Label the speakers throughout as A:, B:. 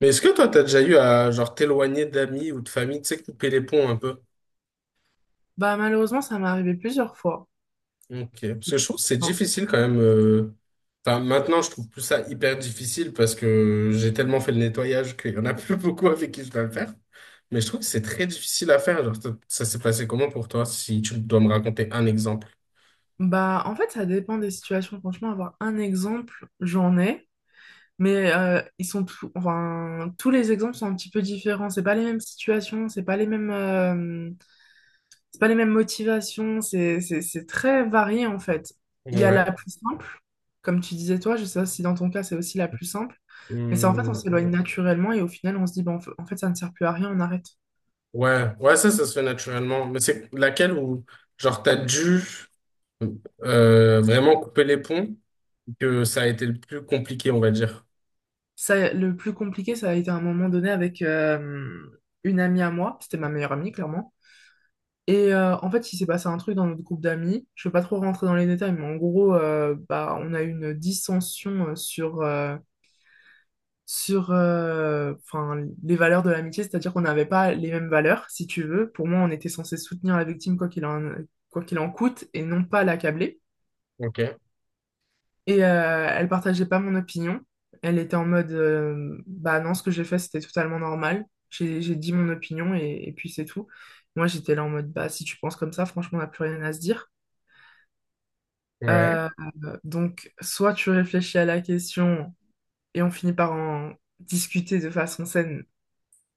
A: Mais est-ce que toi, t'as déjà eu à genre t'éloigner d'amis ou de famille, tu sais, couper les ponts un peu?
B: Bah malheureusement, ça m'est arrivé plusieurs fois.
A: Ok. Parce que je trouve que c'est
B: Enfin,
A: difficile quand même. Enfin, maintenant, je trouve plus ça hyper difficile parce que j'ai tellement fait le nettoyage qu'il y en a plus beaucoup avec qui je dois le faire. Mais je trouve que c'est très difficile à faire. Genre, ça s'est passé comment pour toi, si tu dois me raconter un exemple?
B: bah en fait, ça dépend des situations. Franchement, avoir un exemple, j'en ai, mais enfin tous les exemples sont un petit peu différents. C'est pas les mêmes situations, c'est pas les mêmes motivations. C'est très varié en fait. Il y a la
A: Ouais.
B: plus simple, comme tu disais toi. Je sais pas si dans ton cas c'est aussi la plus simple, mais c'est en fait on s'éloigne
A: Hum.
B: naturellement et au final on se dit bon en fait ça ne sert plus à rien, on arrête.
A: Ouais, ouais, ça se fait naturellement. Mais c'est laquelle où, genre, t'as dû. Donc, vraiment couper les ponts, que ça a été le plus compliqué, on va dire.
B: Ça, le plus compliqué, ça a été à un moment donné avec une amie à moi. C'était ma meilleure amie, clairement. Et en fait, il s'est passé un truc dans notre groupe d'amis. Je ne vais pas trop rentrer dans les détails, mais en gros, bah, on a eu une dissension sur, enfin, les valeurs de l'amitié, c'est-à-dire qu'on n'avait pas les mêmes valeurs, si tu veux. Pour moi, on était censé soutenir la victime quoi qu'il en coûte et non pas l'accabler.
A: Ok.
B: Et elle partageait pas mon opinion. Elle était en mode, bah non, ce que j'ai fait, c'était totalement normal. J'ai dit mon opinion et puis c'est tout. Moi, j'étais là en mode, bah si tu penses comme ça, franchement, on n'a plus rien à se dire.
A: Ouais.
B: Euh, donc, soit tu réfléchis à la question et on finit par en discuter de façon saine,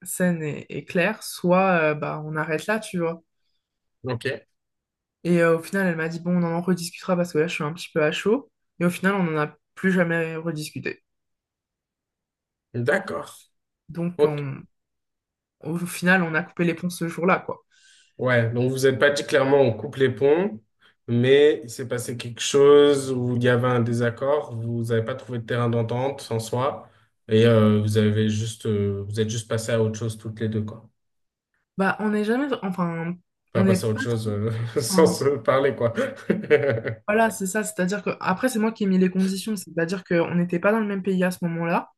B: saine et claire, soit bah on arrête là, tu vois.
A: Ok.
B: Et au final, elle m'a dit, bon, on en rediscutera parce que là, je suis un petit peu à chaud. Et au final, on n'en a plus jamais rediscuté.
A: D'accord.
B: Donc,
A: Ok.
B: on, Au final, on a coupé les ponts ce jour-là, quoi.
A: Ouais. Donc vous n'avez pas dit clairement on coupe les ponts, mais il s'est passé quelque chose où il y avait un désaccord, vous n'avez pas trouvé de terrain d'entente en soi, et vous avez juste, vous êtes juste passé à autre chose toutes les deux, quoi.
B: Bah, on n'est jamais, enfin, on
A: Enfin,
B: n'est
A: passé à autre
B: pas
A: chose
B: trop,
A: sans se
B: enfin,
A: parler, quoi.
B: voilà, c'est ça. C'est-à-dire que, après, c'est moi qui ai mis les conditions. C'est-à-dire qu'on n'était pas dans le même pays à ce moment-là.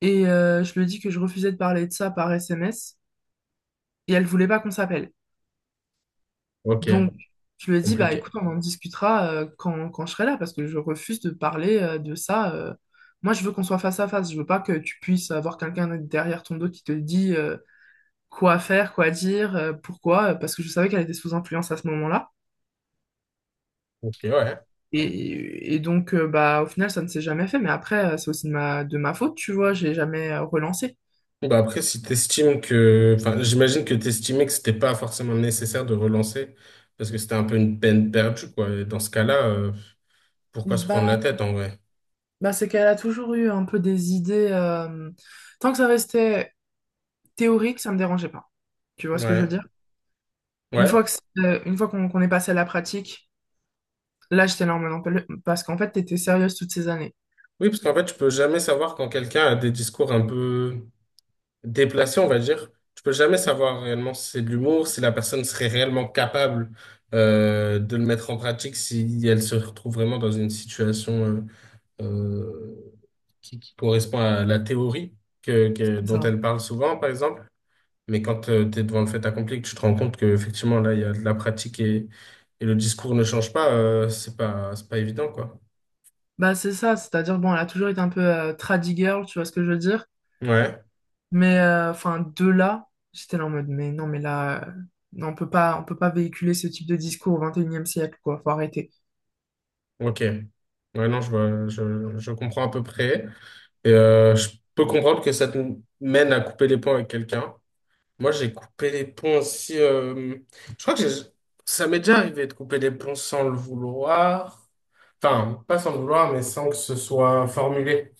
B: Et je lui ai dit que je refusais de parler de ça par SMS. Et elle voulait pas qu'on s'appelle.
A: Ok.
B: Donc, je lui ai dit, bah,
A: Compliqué.
B: écoute, on en discutera quand je serai là, parce que je refuse de parler de ça. Moi, je veux qu'on soit face à face. Je veux pas que tu puisses avoir quelqu'un derrière ton dos qui te dit, quoi faire, quoi dire, pourquoi, parce que je savais qu'elle était sous influence à ce moment-là.
A: Ok, ouais.
B: Et donc, bah, au final, ça ne s'est jamais fait. Mais après, c'est aussi de ma, faute, tu vois, j'ai jamais relancé.
A: Bah après, si t'estimes que, enfin, j'imagine que t'estimais que c'était pas forcément nécessaire de relancer parce que c'était un peu une peine perdue, quoi. Et dans ce cas-là, pourquoi se prendre la
B: Bah,
A: tête en vrai?
B: bah, c'est qu'elle a toujours eu un peu des idées. Tant que ça restait théorique, ça me dérangeait pas. Tu vois ce que je veux
A: Ouais.
B: dire? Une
A: Ouais.
B: fois que, c'est- euh, une fois qu'on est passé à la pratique, là, j'étais là en mode, non, parce qu'en fait, t'étais sérieuse toutes ces années.
A: Oui, parce qu'en fait, tu peux jamais savoir quand quelqu'un a des discours un peu déplacés, on va dire. Tu peux jamais savoir réellement si c'est de l'humour, si la personne serait réellement capable de le mettre en pratique, si elle se retrouve vraiment dans une situation euh, qui correspond à la théorie dont
B: Ça.
A: elle parle souvent, par exemple. Mais quand tu es devant le fait accompli, que tu te rends compte qu'effectivement, là, il y a de la pratique et le discours ne change pas, c'est pas évident, quoi.
B: Bah, c'est ça, c'est-à-dire, bon, elle a toujours été un peu tradie girl, tu vois ce que je veux dire?
A: Ouais,
B: Mais enfin, de là, j'étais là en mode, mais non, mais là, non, on peut pas véhiculer ce type de discours au 21e siècle, quoi. Faut arrêter.
A: ok. Ouais, non, je comprends à peu près. Et je peux comprendre que ça te mène à couper les ponts avec quelqu'un. Moi, j'ai coupé les ponts aussi. Je crois que ça m'est déjà arrivé de couper les ponts sans le vouloir. Enfin, pas sans le vouloir, mais sans que ce soit formulé.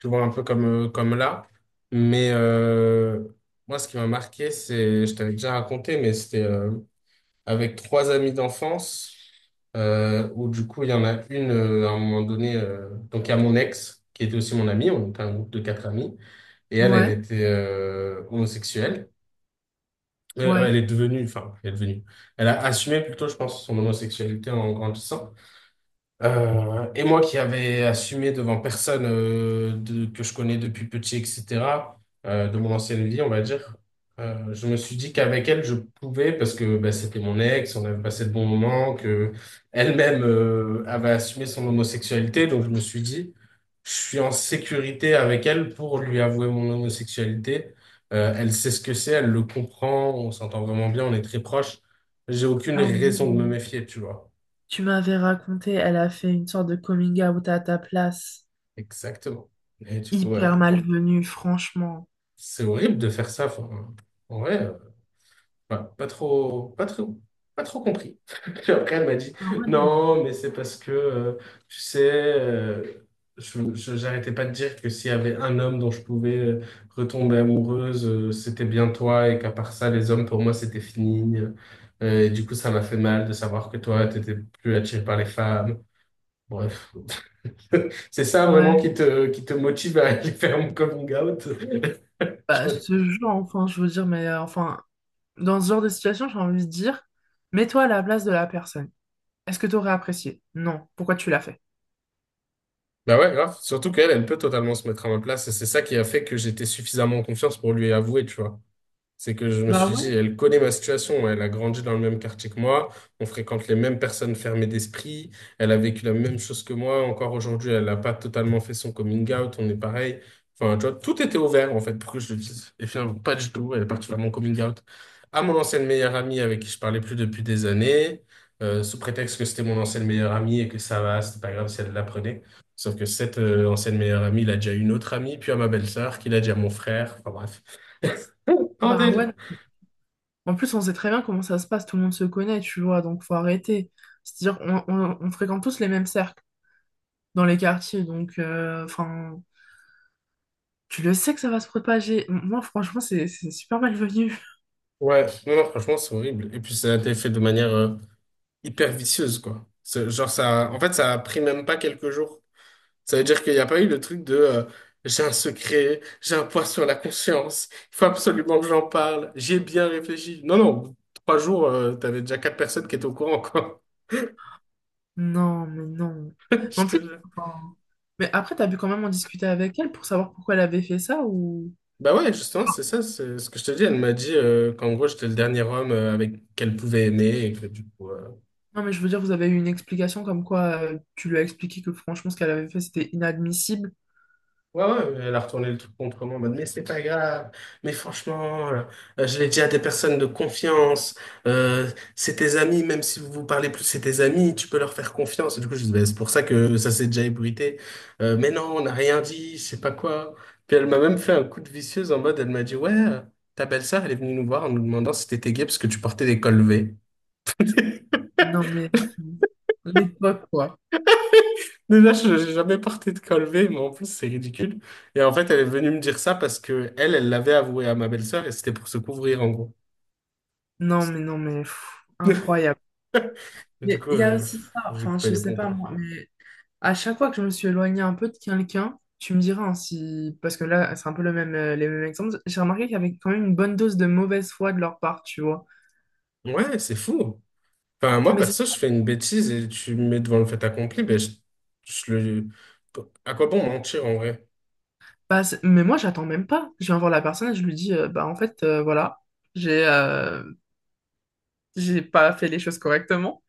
A: Tu vois, un peu comme, comme là. Mais moi, ce qui m'a marqué, c'est, je t'avais déjà raconté, mais c'était avec trois amis d'enfance, où du coup, il y en a une, à un moment donné, donc il y a mon ex, qui était aussi mon amie, on était un groupe de quatre amis, et elle, elle
B: Ouais,
A: était homosexuelle. Ouais,
B: ouais.
A: elle est devenue, enfin, elle est devenue. Elle a assumé plutôt, je pense, son homosexualité en grandissant. Et moi qui avais assumé devant personne que je connais depuis petit, etc., de mon ancienne vie, on va dire, je me suis dit qu'avec elle, je pouvais, parce que bah, c'était mon ex, on avait passé de bons moments, que elle-même avait assumé son homosexualité, donc je me suis dit, je suis en sécurité avec elle pour lui avouer mon homosexualité. Elle sait ce que c'est, elle le comprend, on s'entend vraiment bien, on est très proches. J'ai aucune
B: Ah
A: raison de me
B: oui.
A: méfier, tu vois.
B: Tu m'avais raconté, elle a fait une sorte de coming out à ta place.
A: Exactement. Et du coup, ouais,
B: Hyper malvenue, franchement.
A: c'est horrible de faire ça. Enfin, en vrai, pas, pas trop, pas trop, pas trop compris. Puis après, elle m'a dit,
B: Ah ouais, non,
A: non, mais c'est parce que, tu sais, j'arrêtais pas de dire que s'il y avait un homme dont je pouvais retomber amoureuse, c'était bien toi, et qu'à part ça, les hommes, pour moi, c'était fini. Et du coup, ça m'a fait mal de savoir que toi, t'étais plus attiré par les femmes. Bref. Bon. C'est ça vraiment
B: ouais.
A: qui te motive à aller faire mon coming out.
B: Bah, ce genre, enfin, je veux dire, mais enfin, dans ce genre de situation, j'ai envie de dire, mets-toi à la place de la personne. Est-ce que tu aurais apprécié? Non. Pourquoi tu l'as fait?
A: Bah ouais, grave. Surtout qu'elle, elle peut totalement se mettre à ma place. Et c'est ça qui a fait que j'étais suffisamment en confiance pour lui avouer, tu vois. C'est que je me
B: Bah
A: suis dit,
B: ouais,
A: elle connaît ma situation, elle a grandi dans le même quartier que moi, on fréquente les mêmes personnes fermées d'esprit, elle a vécu la même chose que moi, encore aujourd'hui, elle n'a pas totalement fait son coming out, on est pareil. Enfin, tu vois, tout était ouvert, en fait, pour que je le dise. Et finalement, pas du tout, elle est partie faire mon coming out à mon ancienne meilleure amie avec qui je parlais plus depuis des années, sous prétexte que c'était mon ancienne meilleure amie et que ça va, c'était pas grave si elle l'apprenait. Sauf que cette ancienne meilleure amie, il a déjà une autre amie, puis à ma belle-sœur, qui l'a dit à mon frère, enfin bref.
B: bah ouais.
A: Bordel.
B: En plus, on sait très bien comment ça se passe, tout le monde se connaît, tu vois, donc faut arrêter. C'est-à-dire, on fréquente tous les mêmes cercles dans les quartiers, donc, enfin, tu le sais que ça va se propager. Moi, franchement, c'est super malvenu.
A: Ouais, non, non, franchement, c'est horrible. Et puis, ça a été fait de manière hyper vicieuse, quoi. Genre, ça, en fait, ça a pris même pas quelques jours. Ça veut dire qu'il n'y a pas eu le truc de j'ai un secret, j'ai un poids sur la conscience, il faut absolument que j'en parle, j'ai bien réfléchi. Non, non, 3 jours, t'avais déjà quatre personnes qui étaient au courant, quoi.
B: Non, mais non. Mais
A: Je
B: en
A: te
B: plus,
A: jure.
B: enfin, mais après, t'as pu quand même en discuter avec elle pour savoir pourquoi elle avait fait ça ou...
A: Bah ouais, justement, c'est ça, c'est ce que je te dis. Elle m'a dit qu'en gros, j'étais le dernier homme avec qu'elle pouvait aimer et que du coup.
B: Non, mais je veux dire, vous avez eu une explication comme quoi tu lui as expliqué que franchement, ce qu'elle avait fait, c'était inadmissible.
A: Ouais, ouais, elle a retourné le truc contre moi en mode, mais c'est pas grave, mais franchement, je l'ai dit à des personnes de confiance, euh, c'est tes amis, même si vous vous parlez plus, c'est tes amis, tu peux leur faire confiance. Et du coup, je dis, bah, c'est pour ça que ça s'est déjà ébruité. Mais non, on n'a rien dit, je sais pas quoi. Puis elle m'a même fait un coup de vicieuse en mode, elle m'a dit, ouais, ta belle-sœur, elle est venue nous voir en nous demandant si t'étais gay parce que tu portais des cols V.
B: Non, mais enfin, l'époque, quoi.
A: Déjà, je j'ai jamais porté de col V, mais en plus, c'est ridicule. Et en fait, elle est venue me dire ça parce que elle, elle l'avait avoué à ma belle-sœur et c'était pour se couvrir, en gros.
B: Non, mais non, mais pff, incroyable.
A: Et du
B: Mais
A: coup,
B: il y a aussi ça,
A: j'ai
B: enfin,
A: coupé
B: je
A: les
B: sais
A: ponts,
B: pas
A: quoi.
B: moi, mais à chaque fois que je me suis éloignée un peu de quelqu'un, tu me diras hein, si. Parce que là, c'est un peu les mêmes exemples. J'ai remarqué qu'il y avait quand même une bonne dose de mauvaise foi de leur part, tu vois.
A: Ouais, c'est fou. Enfin, moi,
B: Mais, c'est
A: perso, je fais une bêtise et tu me mets devant le fait accompli, ben, je le... À quoi bon mentir, en vrai?
B: pas- c'est- mais moi, j'attends même pas. Je viens voir la personne et je lui dis, bah, en fait, voilà, j'ai euh, j'ai pas fait les choses correctement.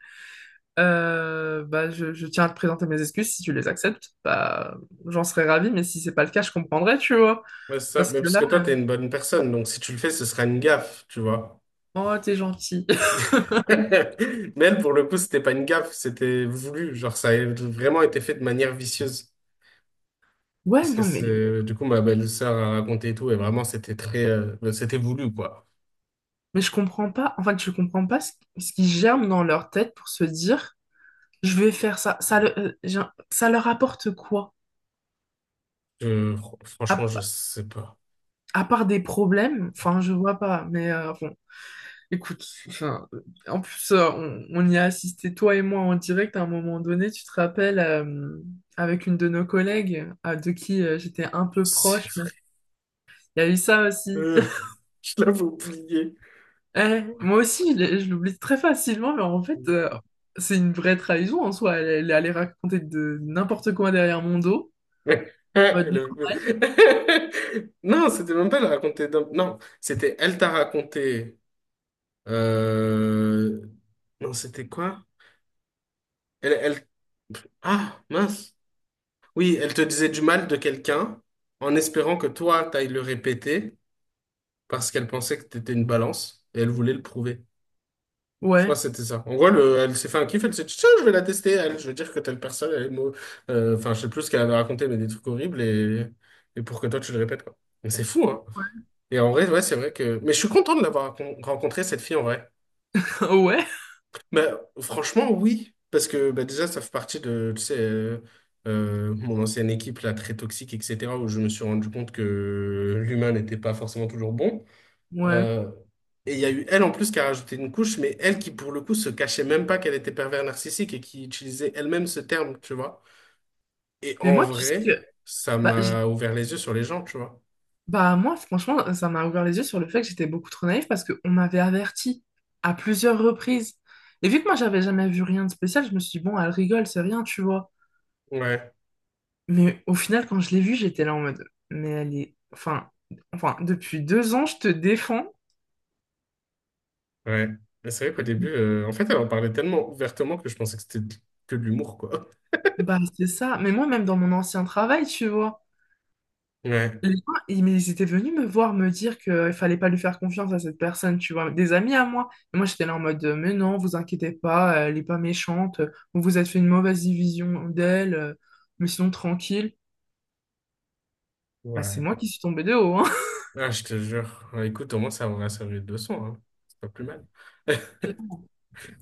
B: Bah, je tiens à te présenter mes excuses. Si tu les acceptes, bah, j'en serais ravie, mais si c'est pas le cas, je comprendrais, tu vois.
A: Ouais, c'est ça.
B: Parce
A: Mais
B: que
A: parce
B: là,
A: que toi, t'es une bonne personne, donc si tu le fais, ce sera une gaffe, tu vois.
B: oh, t'es gentil.
A: Mais elle, pour le coup, c'était pas une gaffe, c'était voulu. Genre, ça a vraiment été fait de manière vicieuse.
B: Ouais,
A: Parce que
B: non, mais.
A: c'est, du coup, ma belle-sœur a raconté et tout, et vraiment, c'était très, bah, c'était voulu, quoi.
B: Mais je comprends pas, en fait, je comprends pas ce qui germe dans leur tête pour se dire, je vais faire ça. Ça, ça leur apporte quoi?
A: Franchement,
B: À,
A: je sais pas.
B: à part des problèmes, enfin, je vois pas, mais bon, écoute, enfin, en plus, on y a assisté, toi et moi, en direct à un moment donné, tu te rappelles, avec une de nos collègues, de qui j'étais un peu proche, mais
A: C'est-
B: il y a eu ça aussi.
A: Euh, je l'avais oublié.
B: Eh, moi aussi, je l'oublie très facilement, mais en fait, c'est une vraie trahison en soi. Elle, elle est allée raconter de n'importe quoi derrière mon dos. Mode
A: Elle
B: normal.
A: avait- Non, c'était même pas elle raconter. Non, c'était elle t'a raconté. euh, Non, c'était quoi? Elle, elle... Ah, mince. Oui, elle te disait du mal de quelqu'un en espérant que toi, t'ailles le répéter parce qu'elle pensait que t'étais une balance et elle voulait le prouver. Je crois
B: Ouais.
A: que c'était ça. En gros, elle s'est fait un kiff, elle s'est dit, tiens, je vais la tester, elle. Je veux dire que telle personne, elle est enfin, je sais plus ce qu'elle a raconté, mais des trucs horribles et pour que toi, tu le répètes, quoi. Mais c'est fou, hein. Et en vrai, ouais, c'est vrai que. Mais je suis content de l'avoir rencontré, cette fille, en vrai.
B: Ouais.
A: Bah, franchement, oui. Parce que bah, déjà, ça fait partie de, tu sais, mon ancienne équipe, là, très toxique, etc., où je me suis rendu compte que l'humain n'était pas forcément toujours bon.
B: Ouais.
A: Euh, et il y a eu elle en plus qui a rajouté une couche, mais elle qui pour le coup se cachait même pas qu'elle était pervers narcissique et qui utilisait elle-même ce terme, tu vois. Et
B: Mais
A: en
B: moi, tu sais
A: vrai,
B: que.
A: ça
B: Bah, j'ai-
A: m'a ouvert les yeux sur les gens, tu vois.
B: bah, moi, franchement, ça m'a ouvert les yeux sur le fait que j'étais beaucoup trop naïve parce qu'on m'avait averti à plusieurs reprises. Et vu que moi, j'avais jamais vu rien de spécial, je me suis dit, bon, elle rigole, c'est rien, tu vois.
A: Ouais,
B: Mais au final, quand je l'ai vue, j'étais là en mode. Mais elle est. Enfin, depuis 2 ans, je te défends.
A: ouais. Mais c'est vrai qu'au début, en fait, elle en parlait tellement ouvertement que je pensais que c'était que de l'humour, quoi.
B: Bah, c'est ça. Mais moi, même dans mon ancien travail, tu vois,
A: Ouais,
B: les gens, mais ils étaient venus me voir me dire qu'il fallait pas lui faire confiance à cette personne, tu vois, des amis à moi. Et moi, j'étais là en mode, mais non, vous inquiétez pas, elle est pas méchante, vous vous êtes fait une mauvaise vision d'elle, mais sinon, tranquille. Bah, c'est moi
A: ouais.
B: qui suis tombée de haut, hein.
A: Ah, je te jure. Ouais, écoute, au moins ça m'aura servi de leçon, hein. C'est pas plus mal.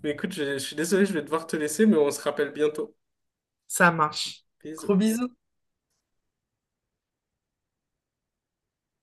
A: Mais écoute, je suis désolé, je vais devoir te laisser, mais on se rappelle bientôt.
B: Ça marche.
A: Bisous.
B: Gros bisous.